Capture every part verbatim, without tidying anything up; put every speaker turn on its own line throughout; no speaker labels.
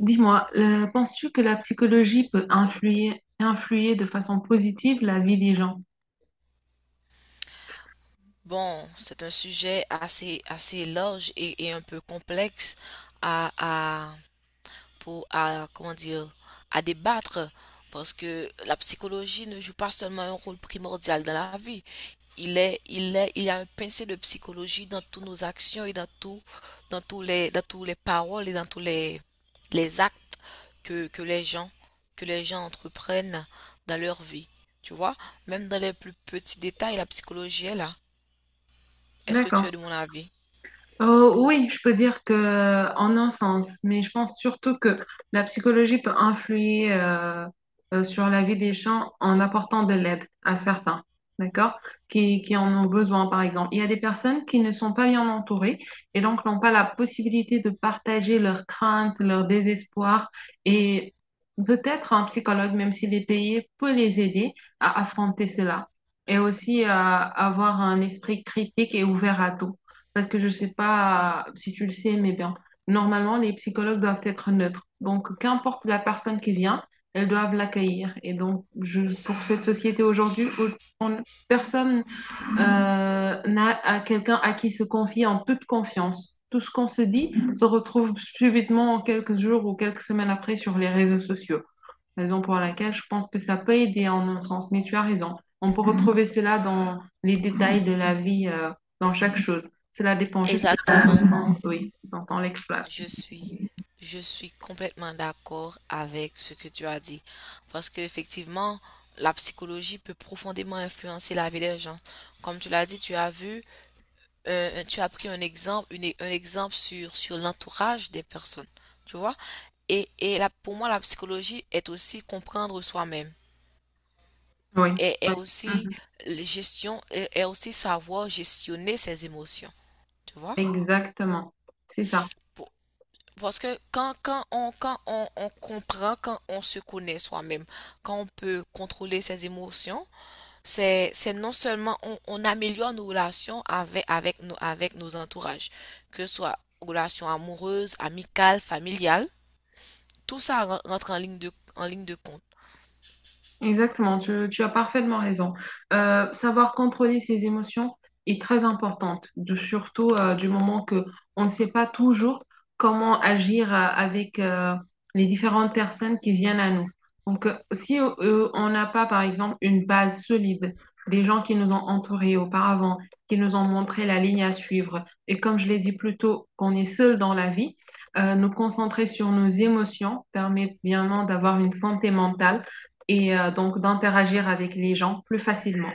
Dis-moi, euh, penses-tu que la psychologie peut influer, influer de façon positive la vie des gens?
Bon, c'est un sujet assez, assez large et, et un peu complexe à, à, pour, à, comment dire, à débattre parce que la psychologie ne joue pas seulement un rôle primordial dans la vie. Il est, il est, il y a un pincé de psychologie dans toutes nos actions et dans tout, dans tous les, dans tous les paroles et dans tous les, les actes que, que les gens, que les gens entreprennent dans leur vie. Tu vois, même dans les plus petits détails, la psychologie est là. Est-ce que tu es de
D'accord.
mon avis?
Euh, oui, je peux dire que en un sens, mais je pense surtout que la psychologie peut influer euh, euh, sur la vie des gens en apportant de l'aide à certains, d'accord, qui, qui en ont besoin, par exemple. Il y a des personnes qui ne sont pas bien entourées et donc n'ont pas la possibilité de partager leurs craintes, leur désespoir et peut-être un psychologue, même s'il est payé, peut les aider à affronter cela et aussi à avoir un esprit critique et ouvert à tout. Parce que je ne sais pas si tu le sais, mais bien, normalement, les psychologues doivent être neutres. Donc, qu'importe la personne qui vient, elles doivent l'accueillir. Et donc, je, pour cette société aujourd'hui, où on- personne euh, n'a à quelqu'un à qui se confier en toute confiance. Tout ce qu'on se dit se retrouve subitement quelques jours ou quelques semaines après sur les réseaux sociaux, raison pour laquelle je pense que ça peut aider en un sens, mais tu as raison. On peut retrouver cela dans les détails de la vie, euh, dans chaque chose. Cela dépend juste de la
Exactement.
façon, oui, dont on l'exploite.
Je suis, je suis complètement d'accord avec ce que tu as dit. Parce qu'effectivement, la psychologie peut profondément influencer la vie des gens. Comme tu l'as dit, tu as vu, euh, tu as pris un exemple, une- un exemple sur, sur l'entourage des personnes. Tu vois? Et, et là, pour moi, la psychologie est aussi comprendre soi-même.
Oui,
Et est
oui.
aussi
Mhm.
euh, gestion, est est aussi savoir gestionner ses émotions. Tu vois?
Exactement. C'est ça.
Pour- Parce que quand, quand, on, quand on, on comprend, quand on se connaît soi-même, quand on peut contrôler ses émotions, c'est, c'est non seulement on, on améliore nos relations avec, avec, nos, avec nos entourages, que ce soit relations amoureuses, amicales, familiales, tout ça ren- rentre en ligne de, en ligne de compte.
Exactement, tu, tu as parfaitement raison. Euh, savoir contrôler ses émotions est très importante, de- surtout euh, du moment que on ne sait pas toujours comment agir euh, avec euh, les différentes personnes qui viennent à nous. Donc, euh, si euh, on n'a pas, par exemple, une base solide des gens qui nous ont entourés auparavant, qui nous ont montré la ligne à suivre, et comme je l'ai dit plus tôt, qu'on est seul dans la vie, euh, nous concentrer sur nos émotions permet bien d'avoir une santé mentale et euh, donc d'interagir avec les gens plus facilement.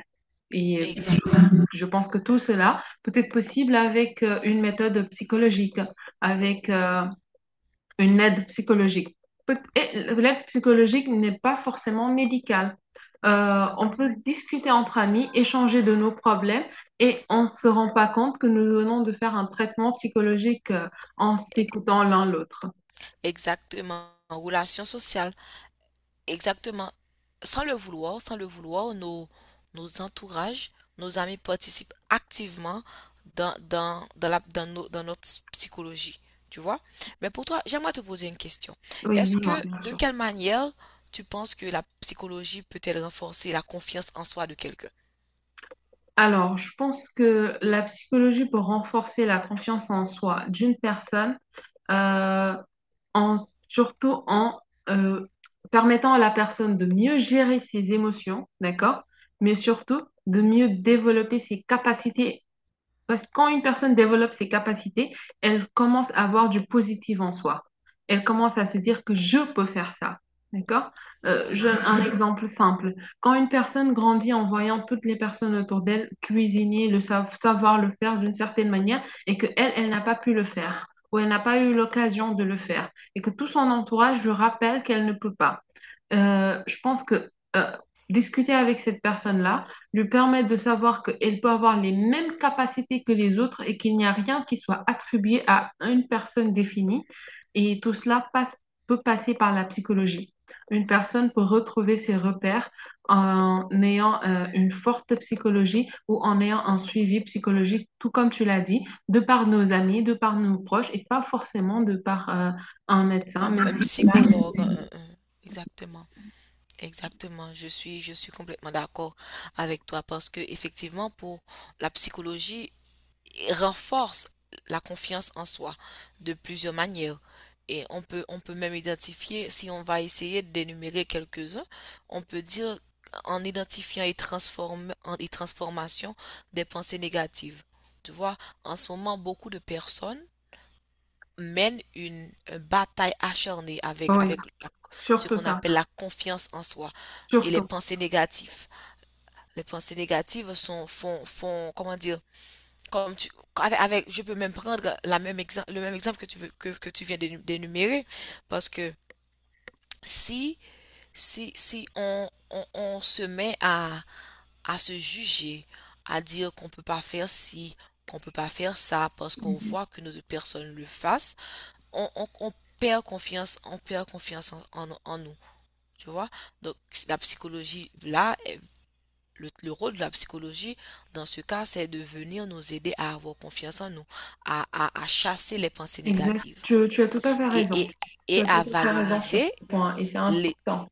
Et
Exactement.
je pense que tout cela peut être possible avec euh, une méthode psychologique, avec euh, une aide psychologique. L'aide psychologique n'est pas forcément médicale. Euh,
Oui,
on
oui.
peut discuter entre amis, échanger de nos problèmes et on ne se rend pas compte que nous venons de faire un traitement psychologique euh, en
E-
s'écoutant l'un l'autre.
Exactement. En relation sociale. Exactement. Sans le vouloir, sans le vouloir, nos, nos entourages, nos amis participent activement dans, dans, dans la, dans, nos- dans notre psychologie, tu vois. Mais pour toi, j'aimerais te poser une question.
Oui,
Est-ce
dis-moi,
que,
bien
de
sûr.
quelle manière tu penses que la psychologie peut-elle renforcer la confiance en soi de quelqu'un?
Alors, je pense que la psychologie peut renforcer la confiance en soi d'une personne, euh, en, surtout en euh, permettant à la personne de mieux gérer ses émotions, d'accord? Mais surtout de mieux développer ses capacités parce que quand une personne développe ses capacités, elle commence à avoir du positif en soi. Elle commence à se dire que je peux faire ça. D'accord? Euh, je- donne
Mhm.
un exemple simple. Quand une personne grandit en voyant toutes les personnes autour d'elle cuisiner, le sa- savoir le faire d'une certaine manière, et que elle, elle n'a pas pu le faire, ou elle n'a pas eu l'occasion de le faire, et que tout son entourage lui rappelle qu'elle ne peut pas euh, je pense que euh, discuter avec cette personne-là lui permet de savoir qu'elle peut avoir les mêmes capacités que les autres et qu'il n'y a rien qui soit attribué à une personne définie. Et tout cela passe, peut passer par la psychologie. Une personne peut retrouver ses repères en ayant euh, une forte psychologie ou en ayant un suivi psychologique, tout comme tu l'as dit, de par nos amis, de par nos proches et pas forcément de par euh, un médecin, mais
Un psychologue, un- un- exactement. Exactement, je suis, je suis complètement d'accord avec toi parce que effectivement, pour la psychologie, renforce la confiance en soi de plusieurs manières. Et on peut, on peut même identifier, si on va essayer de d'énumérer quelques-uns, on peut dire en identifiant et, transforme, en- et transformation des pensées négatives. Tu vois, en ce moment, beaucoup de personnes mènent une, une bataille acharnée avec,
oui,
avec la- ce
surtout
qu'on
ça.
appelle la confiance en soi et les
Surtout.
pensées négatives. Les pensées négatives sont, font, font, comment dire, comme tu, avec, avec- je peux même prendre la même exemple, le même exemple que tu veux, que, que tu viens d'énu- d'énumérer, parce que si, si, si on, on, on se met à, à se juger, à dire qu'on peut pas faire ci, qu'on peut pas faire ça, parce qu'on
Mhm.
voit que nos personnes le fassent, on, on, on perd confiance, on perd confiance en, en, en nous, tu vois? Donc la psychologie là le, le rôle de la psychologie dans ce cas, c'est de venir nous aider à avoir confiance en nous, à, à- à chasser les pensées
Exact.
négatives
Tu, tu as tout à fait
et,
raison.
et,
Tu
et
as tout
à
à fait raison sur
valoriser
ce point et c'est
les,
important.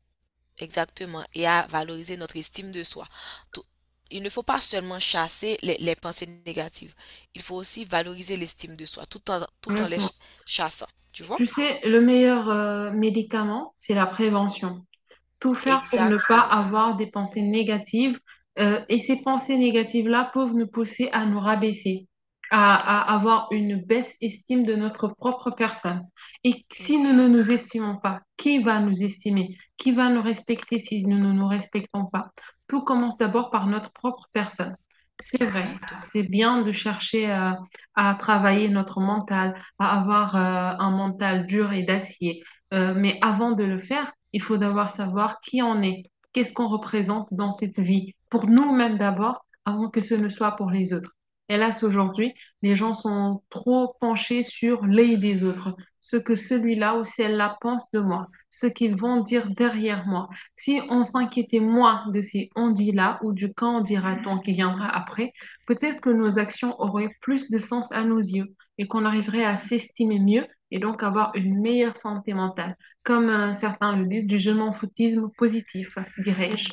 exactement, et à valoriser notre estime de soi. Tout- il ne faut pas seulement chasser les, les pensées négatives, il faut aussi valoriser l'estime de soi tout en, tout en les
Honnêtement.
chassant, tu vois?
Tu sais, le meilleur euh, médicament, c'est la prévention. Tout faire pour ne pas
Exactement.
avoir des pensées négatives. Euh, et ces pensées négatives-là peuvent nous pousser à nous rabaisser, à, à avoir une baisse estime de notre propre personne. Et si nous ne nous estimons pas, qui va nous estimer? Qui va nous respecter si nous ne nous respectons pas? Tout commence d'abord par notre propre personne. C'est vrai,
Exactement.
c'est bien de chercher euh, à travailler notre mental, à avoir euh, un mental dur et d'acier euh, mais avant de le faire, il faut d'abord savoir qui on est, qu'est-ce qu'on représente dans cette vie, pour nous-mêmes d'abord, avant que ce ne soit pour les autres. Hélas, aujourd'hui, les gens sont trop penchés sur les des autres, ce que celui-là ou celle-là pense de moi, ce qu'ils vont dire derrière moi. Si on s'inquiétait moins de ces on dit là ou du quand on dira-t-on qui viendra après, peut-être que nos actions auraient plus de sens à nos yeux et qu'on arriverait à s'estimer mieux et donc avoir une meilleure santé mentale. Comme euh, certains le disent, du je m'en foutisme positif, dirais-je.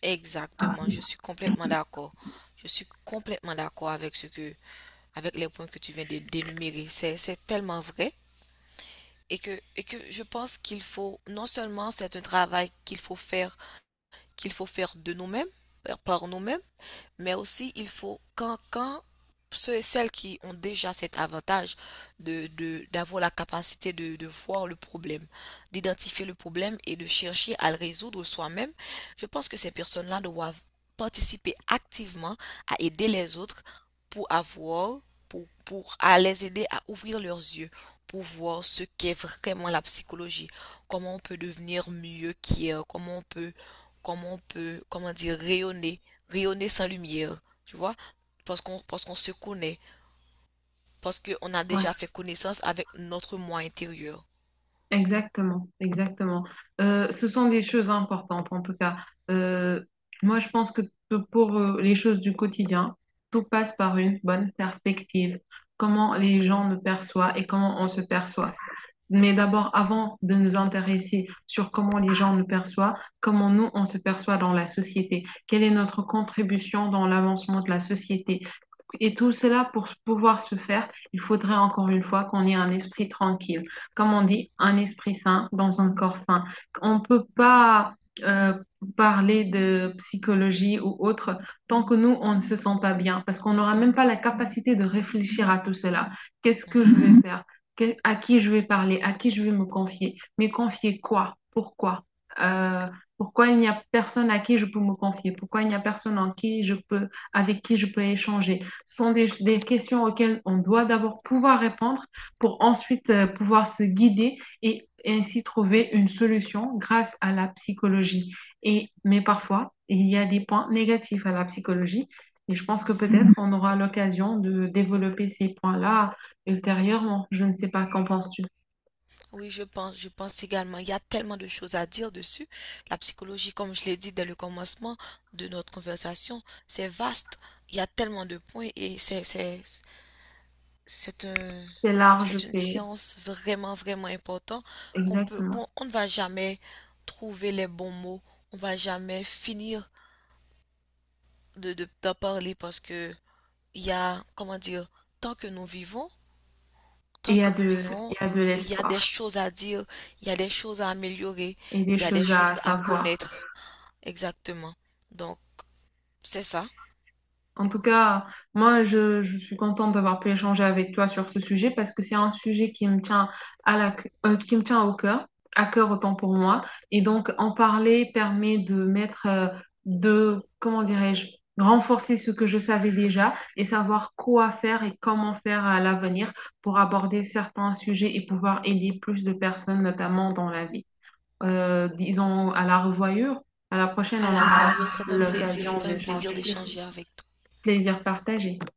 Exactement. Je suis complètement d'accord. Je suis complètement d'accord avec ce que, avec les points que tu viens de d'énumérer. C'est tellement vrai. Et que, et que je pense qu'il faut, non seulement c'est un travail qu'il faut faire, qu'il faut faire de nous-mêmes, par nous-mêmes, mais aussi, il faut, quand, quand ceux et celles qui ont déjà cet avantage de, de- d'avoir la capacité de, de voir le problème, d'identifier le problème et de chercher à le résoudre soi-même, je pense que ces personnes-là doivent participer activement à aider les autres pour avoir, pour, pour à les aider à ouvrir leurs yeux, pour voir ce qu'est vraiment la psychologie, comment on peut devenir mieux qu'hier, comment on peut, comment on peut, comment dire, rayonner rayonner sans lumière, tu vois, parce qu'on parce qu'on se connaît, parce qu'on a
Ouais.
déjà fait connaissance avec notre moi intérieur.
Exactement, exactement. Euh, ce sont des choses importantes en tout cas. Euh, Moi, je pense que p- pour euh, les choses du quotidien, tout passe par une bonne perspective, comment les gens nous perçoivent et comment on se perçoit. Mais d'abord, avant de nous intéresser sur comment les gens nous perçoivent, comment nous, on se perçoit dans la société, quelle est notre contribution dans l'avancement de la société. Et tout cela, pour pouvoir se faire, il faudrait encore une fois qu'on ait un esprit tranquille, comme on dit, un esprit sain dans un corps sain. On ne peut pas euh, parler de psychologie ou autre tant que nous, on ne se sent pas bien, parce qu'on n'aura même pas la capacité de réfléchir à tout cela. Qu'est-ce que je
Mhm,
vais faire? À qui je vais parler? À qui je vais me confier? Mais confier quoi? Pourquoi? Euh, Pourquoi il n'y a personne à qui je peux me confier? Pourquoi il n'y a personne en qui je peux, avec qui je peux échanger? Ce sont des, des questions auxquelles on doit d'abord pouvoir répondre pour ensuite euh, pouvoir se guider et, et ainsi trouver une solution grâce à la psychologie. Et, mais parfois, il y a des points négatifs à la psychologie et je pense que
mhm.
peut-être on aura l'occasion de développer ces points-là ultérieurement. Je ne sais pas, qu'en penses-tu?
Oui, je pense, je pense également. Il y a tellement de choses à dire dessus. La psychologie, comme je l'ai dit dès le commencement de notre conversation, c'est vaste. Il y a tellement de points et c'est, c'est, c'est un,
C'est large,
c'est une
c'est
science vraiment, vraiment importante qu'on peut,
exactement.
qu'on, on ne va jamais trouver les bons mots. On va jamais finir de, de, d'en parler parce que il y a, comment dire, tant que nous vivons,
Et
tant
il y a
que nous
de,
vivons,
il y a de
il y a
l'espoir
des choses à dire, il y a des choses à améliorer,
et des
il y a des
choses à
choses à
savoir.
connaître. Exactement. Donc, c'est ça.
En tout cas, moi, je, je suis contente d'avoir pu échanger avec toi sur ce sujet parce que c'est un sujet qui me tient à la, euh, qui me tient au cœur, à cœur autant pour moi. Et donc, en parler permet de mettre, euh, de, comment dirais-je, renforcer ce que je savais déjà et savoir quoi faire et comment faire à l'avenir pour aborder certains sujets et pouvoir aider plus de personnes, notamment dans la vie. Euh, disons à la revoyure. À la prochaine,
À
on
la
aura
revoyure, c'est un plaisir,
l'occasion
c'était un plaisir
d'échanger plus,
d'échanger avec toi.
plaisir partagé.